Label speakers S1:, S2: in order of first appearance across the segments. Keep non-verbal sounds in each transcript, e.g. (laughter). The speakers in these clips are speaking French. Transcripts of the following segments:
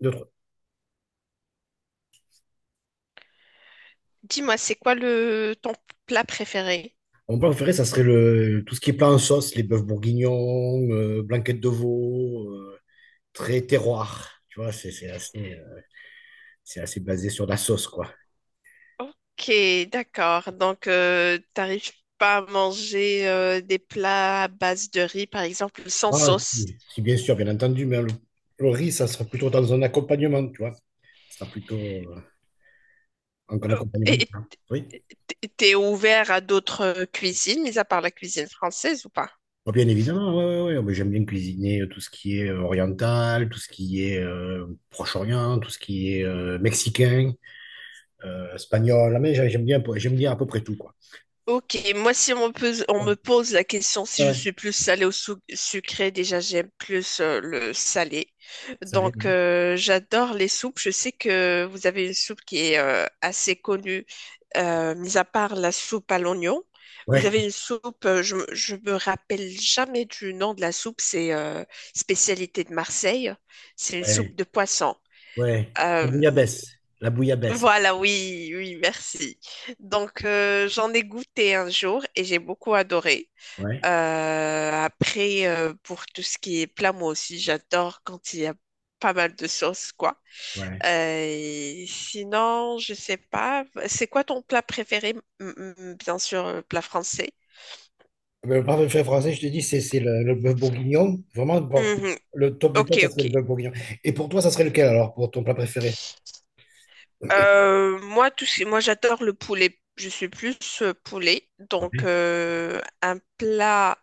S1: Deux, trois.
S2: Dis-moi, c'est quoi le ton plat préféré?
S1: Mon plat préféré, ça serait tout ce qui est plat en sauce, les bœufs bourguignons, blanquettes de veau, très terroir. Tu vois, c'est assez, c'est assez basé sur la sauce, quoi.
S2: Ok, d'accord. Donc, t'arrives pas à manger des plats à base de riz, par exemple, sans
S1: Ah,
S2: sauce.
S1: si, si, bien sûr, bien entendu, le riz, ça sera plutôt dans un accompagnement, tu vois. Ça sera plutôt un
S2: Euh,
S1: accompagnement du
S2: Et
S1: plat. Oui.
S2: t'es ouvert à d'autres cuisines, mis à part la cuisine française ou pas?
S1: Oh, bien évidemment, ouais, ouais, ouais. Mais j'aime bien cuisiner tout ce qui est oriental, tout ce qui est Proche-Orient, tout ce qui est mexicain, espagnol. Ah, mais j'aime bien à peu près tout, quoi.
S2: Ok, moi si on me pose, on
S1: Ouais.
S2: me pose la question si
S1: Ouais,
S2: je
S1: ouais.
S2: suis plus salée ou sucrée, déjà j'aime plus le salé.
S1: Salé,
S2: Donc
S1: ouais.
S2: j'adore les soupes. Je sais que vous avez une soupe qui est assez connue, mis à part la soupe à l'oignon. Vous
S1: Ouais,
S2: avez une soupe, je me rappelle jamais du nom de la soupe, c'est spécialité de Marseille. C'est une soupe
S1: ouais,
S2: de poisson.
S1: ouais. La
S2: Euh,
S1: bouillabaisse. La bouillabaisse.
S2: voilà, oui, oui, merci. Donc, j'en ai goûté un jour et j'ai beaucoup adoré.
S1: Ouais,
S2: Pour tout ce qui est plat, moi aussi, j'adore quand il y a pas mal de sauce, quoi.
S1: ouais.
S2: Sinon, je sais pas. C'est quoi ton plat préféré? Bien sûr, plat français.
S1: Mais le parfait fait français, je te dis, c'est le bœuf bourguignon. Vraiment, bon,
S2: Mhm.
S1: le top du
S2: Ok,
S1: top, ça
S2: ok.
S1: serait le bœuf bourguignon. Et pour toi, ça serait lequel alors, pour ton plat préféré?
S2: Moi, j'adore le poulet. Je suis plus poulet. Donc,
S1: Ouais.
S2: un plat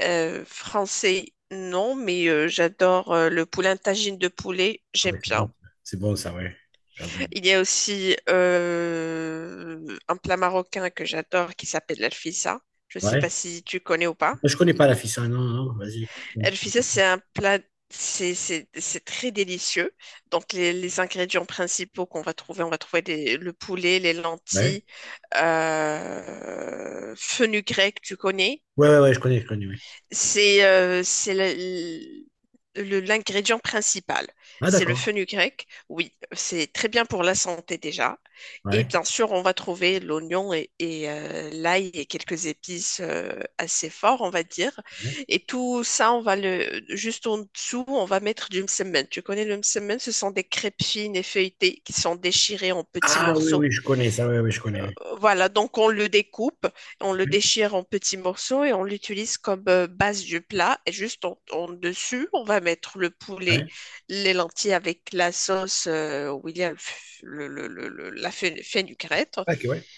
S2: français, non, mais j'adore le poulet, un tagine de poulet,
S1: Ah
S2: j'aime
S1: ouais, c'est
S2: bien.
S1: bon. C'est bon, ça, ouais. J'adore.
S2: Il y a aussi un plat marocain que j'adore qui s'appelle l'alfissa. Je ne sais pas
S1: Ouais.
S2: si tu connais ou pas.
S1: Je connais pas la fissa, non, non. Vas-y. Explique un
S2: Elle
S1: petit peu
S2: faisait,
S1: plus.
S2: c'est un plat, c'est très délicieux. Donc, les ingrédients principaux qu'on va trouver, on va trouver le poulet, les
S1: Ouais.
S2: lentilles, fenugrec, tu connais.
S1: Ouais, ouais, ouais, je connais, ouais.
S2: C'est euh, c'est le- l'ingrédient principal.
S1: Ah,
S2: C'est le
S1: d'accord.
S2: fenugrec. Oui, c'est très bien pour la santé déjà. Et
S1: Ouais,
S2: bien sûr, on va trouver l'oignon et l'ail et quelques épices assez forts, on va dire.
S1: ouais.
S2: Et tout ça, on va le juste en dessous, on va mettre du msemen. Tu connais le msemen? Ce sont des crêpes fines et feuilletées qui sont déchirées en petits
S1: Ah oui,
S2: morceaux,
S1: oui, je connais ça, ouais, ouais, je connais, ouais.
S2: voilà, donc on le découpe, on le
S1: Ouais,
S2: déchire en petits morceaux et on l'utilise comme base du plat. Et juste en dessus, on va mettre le poulet,
S1: ouais.
S2: les lentilles avec la sauce où il y a le f- le- la fe- fenugrette.
S1: Ah, ok, ouais.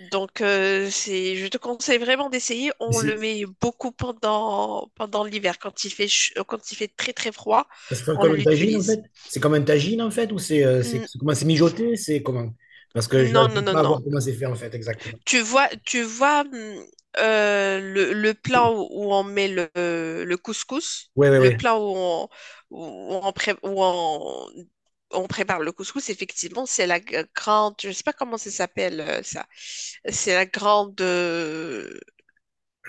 S2: Donc c'est, je te conseille vraiment d'essayer.
S1: Mais
S2: On
S1: c'est
S2: le met beaucoup pendant l'hiver quand il fait quand il fait très très froid,
S1: Ça se fait
S2: on
S1: comme une tagine en fait?
S2: l'utilise.
S1: C'est comme un tagine en fait? Ou c'est c'est
S2: N-
S1: c'est comment c'est mijoté? C'est comment? Parce que je
S2: Non
S1: n'arrive
S2: non non
S1: pas à
S2: non.
S1: voir comment c'est fait en fait exactement.
S2: Tu vois le plat
S1: (clears throat)
S2: où, où on met le couscous,
S1: Oui, oui,
S2: le
S1: oui.
S2: plat où où on prépare le couscous, effectivement, grande, je sais pas comment ça s'appelle ça, c'est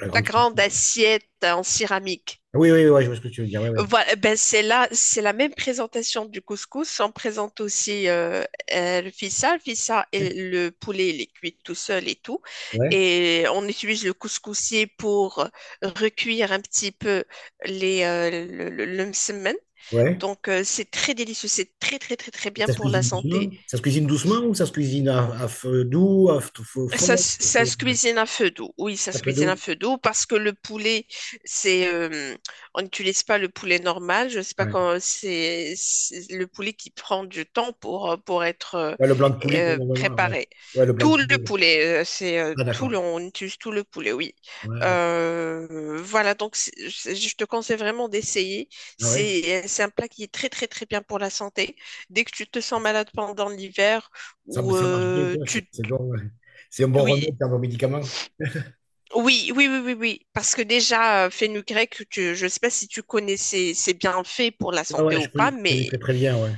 S1: La
S2: la
S1: grande...
S2: grande assiette en céramique.
S1: Oui, oui, oui, ouais, je vois ce que tu veux dire. Oui, oui.
S2: Voilà, ben c'est là, c'est la même présentation du couscous. On présente aussi le fissa. Le fissa et
S1: Ouais,
S2: le poulet, il est cuit tout seul et tout.
S1: ouais.
S2: Et on utilise le couscoussier pour recuire un petit peu le msemen.
S1: Ouais.
S2: Donc, c'est très délicieux. C'est très, très, très, très bien
S1: Ça se
S2: pour la
S1: cuisine doucement?
S2: santé.
S1: Ça se cuisine doucement ou ça se cuisine à feu doux, à feu fort?
S2: Ça se cuisine à feu doux. Oui, ça
S1: À
S2: se
S1: feu
S2: cuisine à
S1: doux?
S2: feu doux parce que le poulet, c'est, euh, on n'utilise pas le poulet normal. Je ne sais pas
S1: Ouais.
S2: quand c'est le poulet qui prend du temps pour être
S1: Ouais, le blanc de poulet, pour le moment, ouais.
S2: préparé.
S1: Ouais, le blanc
S2: Tout
S1: de
S2: le
S1: poulet.
S2: poulet,
S1: Ah, d'accord.
S2: on utilise tout le poulet, oui.
S1: Ouais, d'accord.
S2: Voilà, donc je te conseille vraiment d'essayer.
S1: Ah, ouais.
S2: C'est un plat qui est très très très bien pour la santé. Dès que tu te sens malade pendant l'hiver
S1: Ça,
S2: ou
S1: ça marche bien, quoi.
S2: tu
S1: C'est bon, ouais. C'est un bon
S2: Oui,
S1: remède, c'est un bon médicament.
S2: oui, oui, oui, oui, oui. Parce que déjà, fenugrec, je ne sais pas si tu connais ses bienfaits pour la
S1: Ouais,
S2: santé
S1: ouais,
S2: ou pas,
S1: je connais
S2: mais
S1: très très bien, ouais.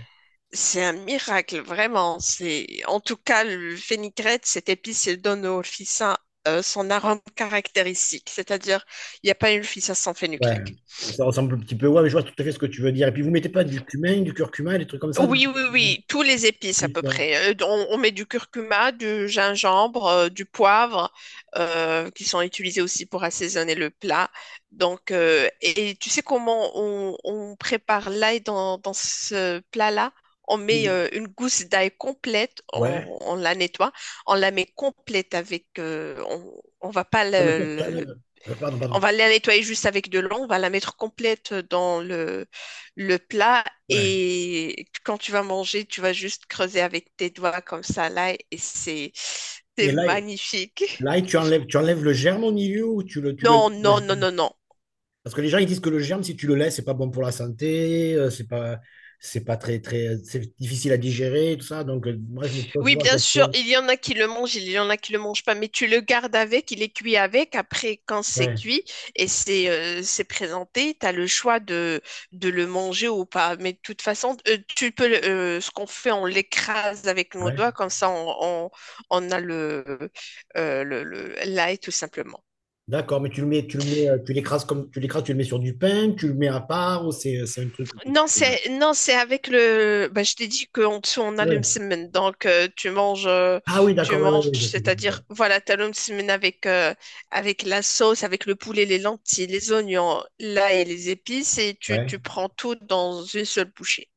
S2: c'est un miracle, vraiment. C'est, en tout cas, le fenugrec, cette épice, elle donne au ficin son arôme caractéristique. C'est-à-dire, il n'y a pas une ficin sans
S1: Ouais,
S2: fenugrec.
S1: ça ressemble un petit peu. Ouais, mais je vois tout à fait ce que tu veux dire. Et puis vous mettez pas du cumin, du curcuma, des trucs comme ça
S2: Oui, oui, oui, tous les épices à peu
S1: ouais.
S2: près. On met du curcuma, du gingembre, du poivre, qui sont utilisés aussi pour assaisonner le plat. Donc, et tu sais comment on prépare l'ail dans ce plat-là? On met une gousse d'ail complète,
S1: Ouais.
S2: on la nettoie, on la met complète avec, on va pas
S1: Non, mais toi, tu
S2: le
S1: enlèves. Pardon,
S2: on
S1: pardon.
S2: va la nettoyer juste avec de l'eau, on va la mettre complète dans le plat
S1: Ouais.
S2: et quand tu vas manger, tu vas juste creuser avec tes doigts comme ça là et c'est
S1: Mais là,
S2: magnifique.
S1: là, tu enlèves le germe au milieu ou
S2: Non,
S1: le
S2: non, non,
S1: germe.
S2: non, non.
S1: Parce que les gens ils disent que le germe, si tu le laisses, c'est pas bon pour la santé, c'est pas très, très, c'est difficile à digérer, tout ça. Donc moi, je me pose
S2: Oui,
S1: toujours
S2: bien
S1: la
S2: sûr,
S1: question.
S2: il y en a qui le mangent, il y en a qui le mangent pas, mais tu le gardes avec, il est cuit avec. Après, quand c'est
S1: Ouais,
S2: cuit et c'est présenté, tu as le choix de le manger ou pas. Mais de toute façon, tu peux, ce qu'on fait, on l'écrase avec nos
S1: ouais.
S2: doigts, comme ça, on a l'ail tout simplement.
S1: D'accord, mais tu le mets, tu l'écrases comme, tu l'écrases, tu le mets sur du pain, tu le mets à part ou c'est un truc que
S2: Non,
S1: tu,
S2: c'est non, c'est avec le. Bah, je t'ai dit qu'en dessous on a le
S1: oui.
S2: msemen, donc
S1: Ah oui,
S2: tu
S1: d'accord, oui, oui,
S2: manges,
S1: oui, je vois ce que tu dis, ouais.
S2: c'est-à-dire voilà, t'as le msemen avec avec la sauce, avec le poulet, les lentilles, les oignons, l'ail et les épices, et
S1: Ouais,
S2: tu prends tout dans une seule bouchée.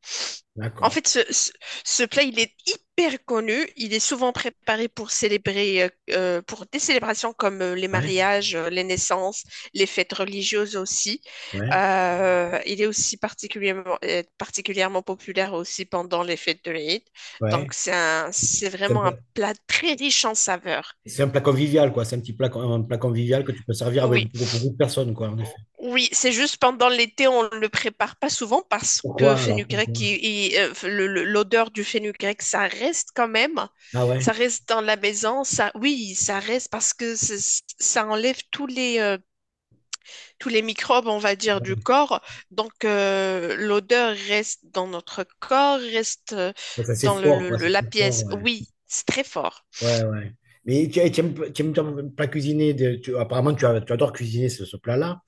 S2: En
S1: d'accord.
S2: fait, ce plat, il est hyper connu. Il est souvent préparé pour célébrer, pour des célébrations comme les
S1: Ouais,
S2: mariages, les naissances, les fêtes religieuses aussi.
S1: ouais,
S2: Il est aussi particulièrement populaire aussi pendant les fêtes de l'Aïd. Donc,
S1: ouais.
S2: c'est
S1: C'est un
S2: vraiment un
S1: plat,
S2: plat très riche en saveurs.
S1: c'est un plat convivial, quoi. C'est un petit plat, un plat convivial que tu peux servir avec
S2: Oui.
S1: beaucoup, beaucoup de personnes, quoi, en effet.
S2: Oui, c'est juste pendant l'été, on ne le prépare pas souvent parce que
S1: Pourquoi alors?
S2: fenugrec,
S1: Pourquoi?
S2: l'odeur du fenugrec, ça reste quand même.
S1: Ah
S2: Ça
S1: ouais?
S2: reste dans la maison. Ça, oui, ça reste parce que ça enlève tous les microbes, on va dire, du
S1: Ouais.
S2: corps. Donc, l'odeur reste dans notre corps, reste euh,
S1: Ouais, ça, c'est
S2: dans le-
S1: fort,
S2: le-
S1: quoi.
S2: le-
S1: C'est
S2: la
S1: très fort,
S2: pièce.
S1: ouais.
S2: Oui, c'est très fort.
S1: Ouais, ouais. Mais tu aimes ton plat cuisiné de, apparemment, tu adores cuisiner ce plat-là,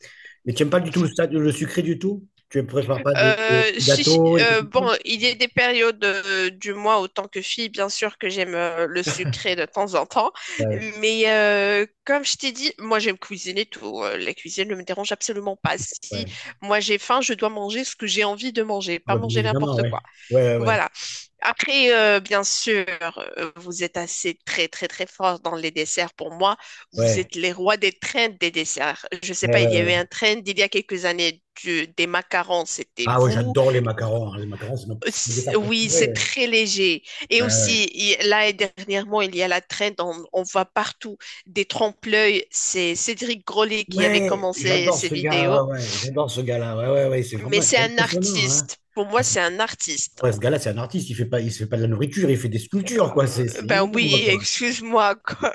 S1: mais tu n'aimes pas du tout le sucré du tout? Tu ne préfères pas des, des gâteaux, des trucs
S2: Bon,
S1: comme ça?
S2: il y a des périodes du mois, autant que fille, bien sûr que j'aime le sucré de temps en temps.
S1: Ouais,
S2: Mais comme je t'ai dit, moi j'aime cuisiner tout. La cuisine ne me dérange absolument pas. Si
S1: ouais.
S2: moi j'ai faim, je dois manger ce que j'ai envie de manger,
S1: Ah
S2: pas
S1: bah, bien
S2: manger
S1: évidemment,
S2: n'importe
S1: ouais.
S2: quoi.
S1: Ouais, ouais, ouais.
S2: Voilà. Bien sûr, vous êtes assez très très très fort dans les desserts. Pour moi, vous
S1: Ouais,
S2: êtes les rois des trends des desserts. Je sais
S1: ouais,
S2: pas, il
S1: ouais,
S2: y a
S1: ouais.
S2: eu un trend il y a quelques années des macarons, c'était
S1: Ah ouais,
S2: vous.
S1: j'adore les macarons, hein. Les macarons, c'est c'est mon dessert
S2: Oui,
S1: préféré.
S2: c'est
S1: Ouais,
S2: très léger. Et
S1: ouais,
S2: aussi,
S1: ouais.
S2: il- là, et dernièrement, il y a la trend, on voit partout des trompe-l'œil. C'est Cédric Grolet qui avait
S1: Ouais,
S2: commencé
S1: j'adore
S2: ces
S1: ce gars.
S2: vidéos.
S1: Ouais, ouais, j'adore ce gars-là. Ouais, ouais, ouais, c'est
S2: Mais
S1: vraiment
S2: c'est
S1: c'est
S2: un
S1: impressionnant, hein.
S2: artiste. Pour
S1: Ah,
S2: moi,
S1: c'est-
S2: c'est un artiste.
S1: ouais, ce gars-là, c'est un artiste. Il fait pas, il se fait pas de la nourriture, il fait des sculptures, quoi. C'est c'est
S2: Ben
S1: énorme,
S2: oui,
S1: quoi.
S2: excuse-moi, quoi.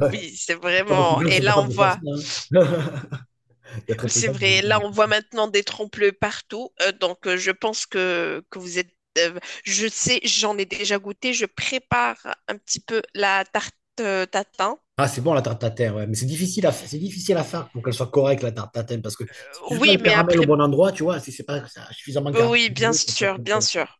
S1: Ouais,
S2: Oui, c'est
S1: il y a pas beaucoup
S2: vraiment.
S1: de gens qui
S2: Et
S1: sont
S2: là, on
S1: capables de faire ça,
S2: voit.
S1: hein. (laughs) Il y a très
S2: Oui,
S1: peu de
S2: c'est
S1: gens qui sont
S2: vrai. Là,
S1: capables de
S2: on
S1: faire
S2: voit
S1: ça.
S2: maintenant des trompe-l'œil partout. Je pense que vous êtes. euh, je sais, j'en ai déjà goûté. Je prépare un petit peu la tarte tatin.
S1: Ah, c'est bon la tarte tatin, ouais. Mais c'est difficile à, c'est difficile à faire pour qu'elle soit correcte la tarte tatin, parce que si tu fais pas
S2: Oui,
S1: le
S2: mais
S1: caramel au
S2: après,
S1: bon endroit, tu vois, si c'est pas suffisamment
S2: oui, bien
S1: caramélisé, c'est pas
S2: sûr,
S1: très
S2: bien
S1: bon.
S2: sûr,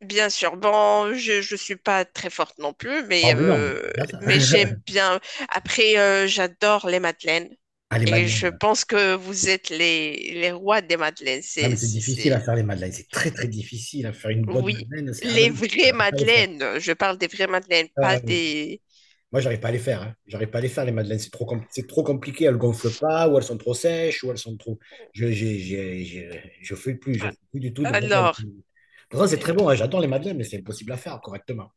S2: bien sûr. Bon, je suis pas très forte non plus,
S1: Ah, mais non, mais c'est bien ça.
S2: mais j'aime
S1: (laughs)
S2: bien. Après, j'adore les madeleines
S1: Allez,
S2: et je
S1: madeleine.
S2: pense que vous êtes les rois des madeleines.
S1: Ah, mais
S2: C'est
S1: c'est
S2: c'est
S1: difficile à
S2: c'est
S1: faire les madeleines. C'est très, très difficile à faire une bonne
S2: oui,
S1: madeleine. C'est... Ah, ben,
S2: les vraies
S1: j'arrive pas à les faire.
S2: madeleines. Je parle des vraies madeleines, pas
S1: Ah, oui.
S2: des.
S1: Moi, j'arrive pas à les faire, hein. J'arrive pas à les faire, les madeleines. C'est trop, c'est trop compliqué. Elles gonflent pas, ou elles sont trop sèches, ou elles sont trop. Je fais plus. Je fais plus du tout de madeleine.
S2: Alors.
S1: Pourtant, c'est très
S2: Euh,
S1: bon, hein. J'adore les madeleines, mais c'est impossible à faire correctement.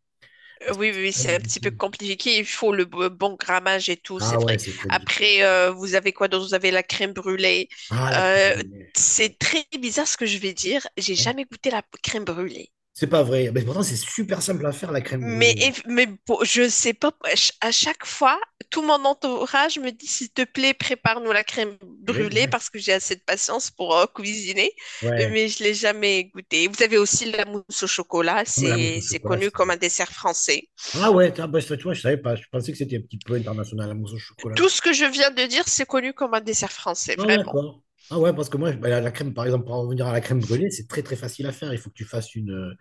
S1: Parce que
S2: Oui,
S1: c'est
S2: oui, oui,
S1: très
S2: c'est un petit peu
S1: difficile.
S2: compliqué. Il faut le bon grammage et tout,
S1: Ah,
S2: c'est
S1: ouais,
S2: vrai.
S1: c'est très difficile.
S2: Après, vous avez quoi d'autre? Vous avez la crème brûlée.
S1: Ah, la crème
S2: Euh,
S1: brûlée.
S2: c'est très bizarre ce que je vais dire. J'ai
S1: Ouais.
S2: jamais goûté la crème brûlée.
S1: C'est pas vrai. Mais pourtant, c'est super simple à faire, la crème brûlée.
S2: Mais bon, je sais pas. À chaque fois, tout mon entourage me dit, s'il te plaît, prépare-nous la crème
S1: Brûlée,
S2: brûlée
S1: ouais.
S2: parce que j'ai assez de patience pour cuisiner.
S1: Ouais.
S2: Mais je l'ai jamais goûtée. Vous avez aussi la mousse au chocolat.
S1: Comme la mousse au
S2: C'est
S1: chocolat,
S2: connu comme un
S1: c'est.
S2: dessert français.
S1: Ah ouais, ah bah, ça, tu vois, je savais pas. Je pensais que c'était un petit peu international, la mousse au chocolat.
S2: Tout ce que je viens de dire, c'est connu comme un dessert français,
S1: Ah
S2: vraiment.
S1: d'accord. Ah ouais, parce que moi, bah, la crème, par exemple, pour en revenir à la crème brûlée, c'est très très facile à faire. Il faut que tu fasses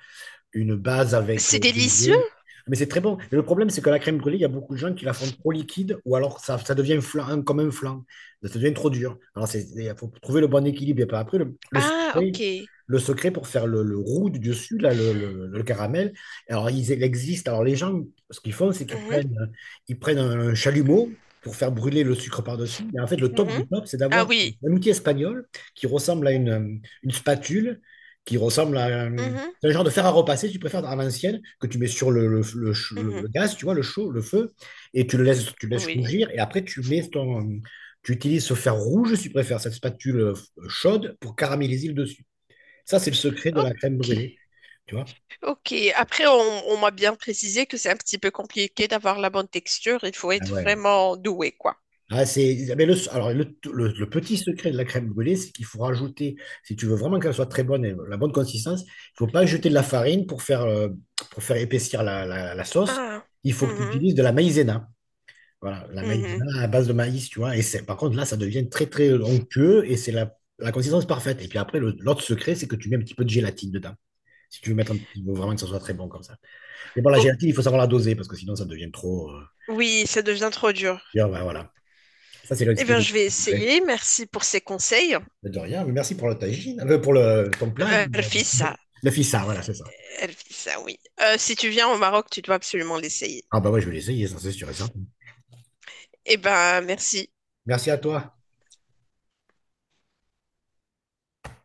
S1: une base avec
S2: C'est
S1: des
S2: délicieux.
S1: œufs. Mais c'est très bon. Mais le problème, c'est que la crème brûlée, il y a beaucoup de gens qui la font trop liquide ou alors ça devient flan, comme un flan. Ça devient trop dur. Alors, il faut trouver le bon équilibre. Et puis après,
S2: Ah, ok.
S1: le secret pour faire le roux du dessus, là, le caramel, il existe. Alors, les gens, ce qu'ils font, c'est qu'ils
S2: Mhm,
S1: prennent, ils prennent un chalumeau pour faire brûler le sucre par-dessus. Et en fait, le top
S2: mhm.
S1: du top, c'est
S2: Ah
S1: d'avoir
S2: oui.
S1: un outil espagnol qui ressemble à une spatule, qui ressemble à un,
S2: Mhm,
S1: c'est le genre de fer à repasser, si tu préfères à l'ancienne, que tu mets sur
S2: mhm.
S1: le gaz, tu vois, le chaud, le feu, et tu le laisses
S2: Oui.
S1: rougir, et après tu utilises ce fer rouge, si tu préfères, cette spatule chaude pour caraméliser le dessus. Ça, c'est le secret de la crème
S2: Ok.
S1: brûlée, tu vois.
S2: Ok. Après, on m'a bien précisé que c'est un petit peu compliqué d'avoir la bonne texture. Il faut
S1: Ah
S2: être
S1: ouais.
S2: vraiment doué, quoi.
S1: Ah, c'est, mais le, alors, le petit secret de la crème brûlée, c'est qu'il faut rajouter, si tu veux vraiment qu'elle soit très bonne et la bonne consistance, il faut pas jeter de la farine pour faire épaissir la la sauce.
S2: Ah.
S1: Il faut que tu
S2: Mhm,
S1: utilises de la maïzena. Voilà, la
S2: mhm.
S1: maïzena à base de maïs, tu vois. Et c'est, par contre, là, ça devient très, très onctueux et c'est la consistance parfaite. Et puis après, l'autre secret, c'est que tu mets un petit peu de gélatine dedans. Si tu veux mettre un petit il faut vraiment que ça soit très bon comme ça. Mais bon, la
S2: Ok.
S1: gélatine, il faut savoir la doser parce que sinon, ça devient trop,
S2: Oui, ça devient trop dur.
S1: bien, voilà, voilà. Ça, c'est le
S2: Eh
S1: c'est
S2: bien,
S1: le
S2: je vais
S1: secret.
S2: essayer. Merci pour ces conseils.
S1: Mais de rien, mais merci pour le tagine, pour ton plat là.
S2: Rfis,
S1: (laughs) Le fissa, voilà, c'est ça.
S2: Elle fait ça, oui. Si tu viens au Maroc, tu dois absolument l'essayer.
S1: Ah, bah ouais, je vais l'essayer, ça, c'est sûr et certain.
S2: Eh ben, merci.
S1: Merci à toi.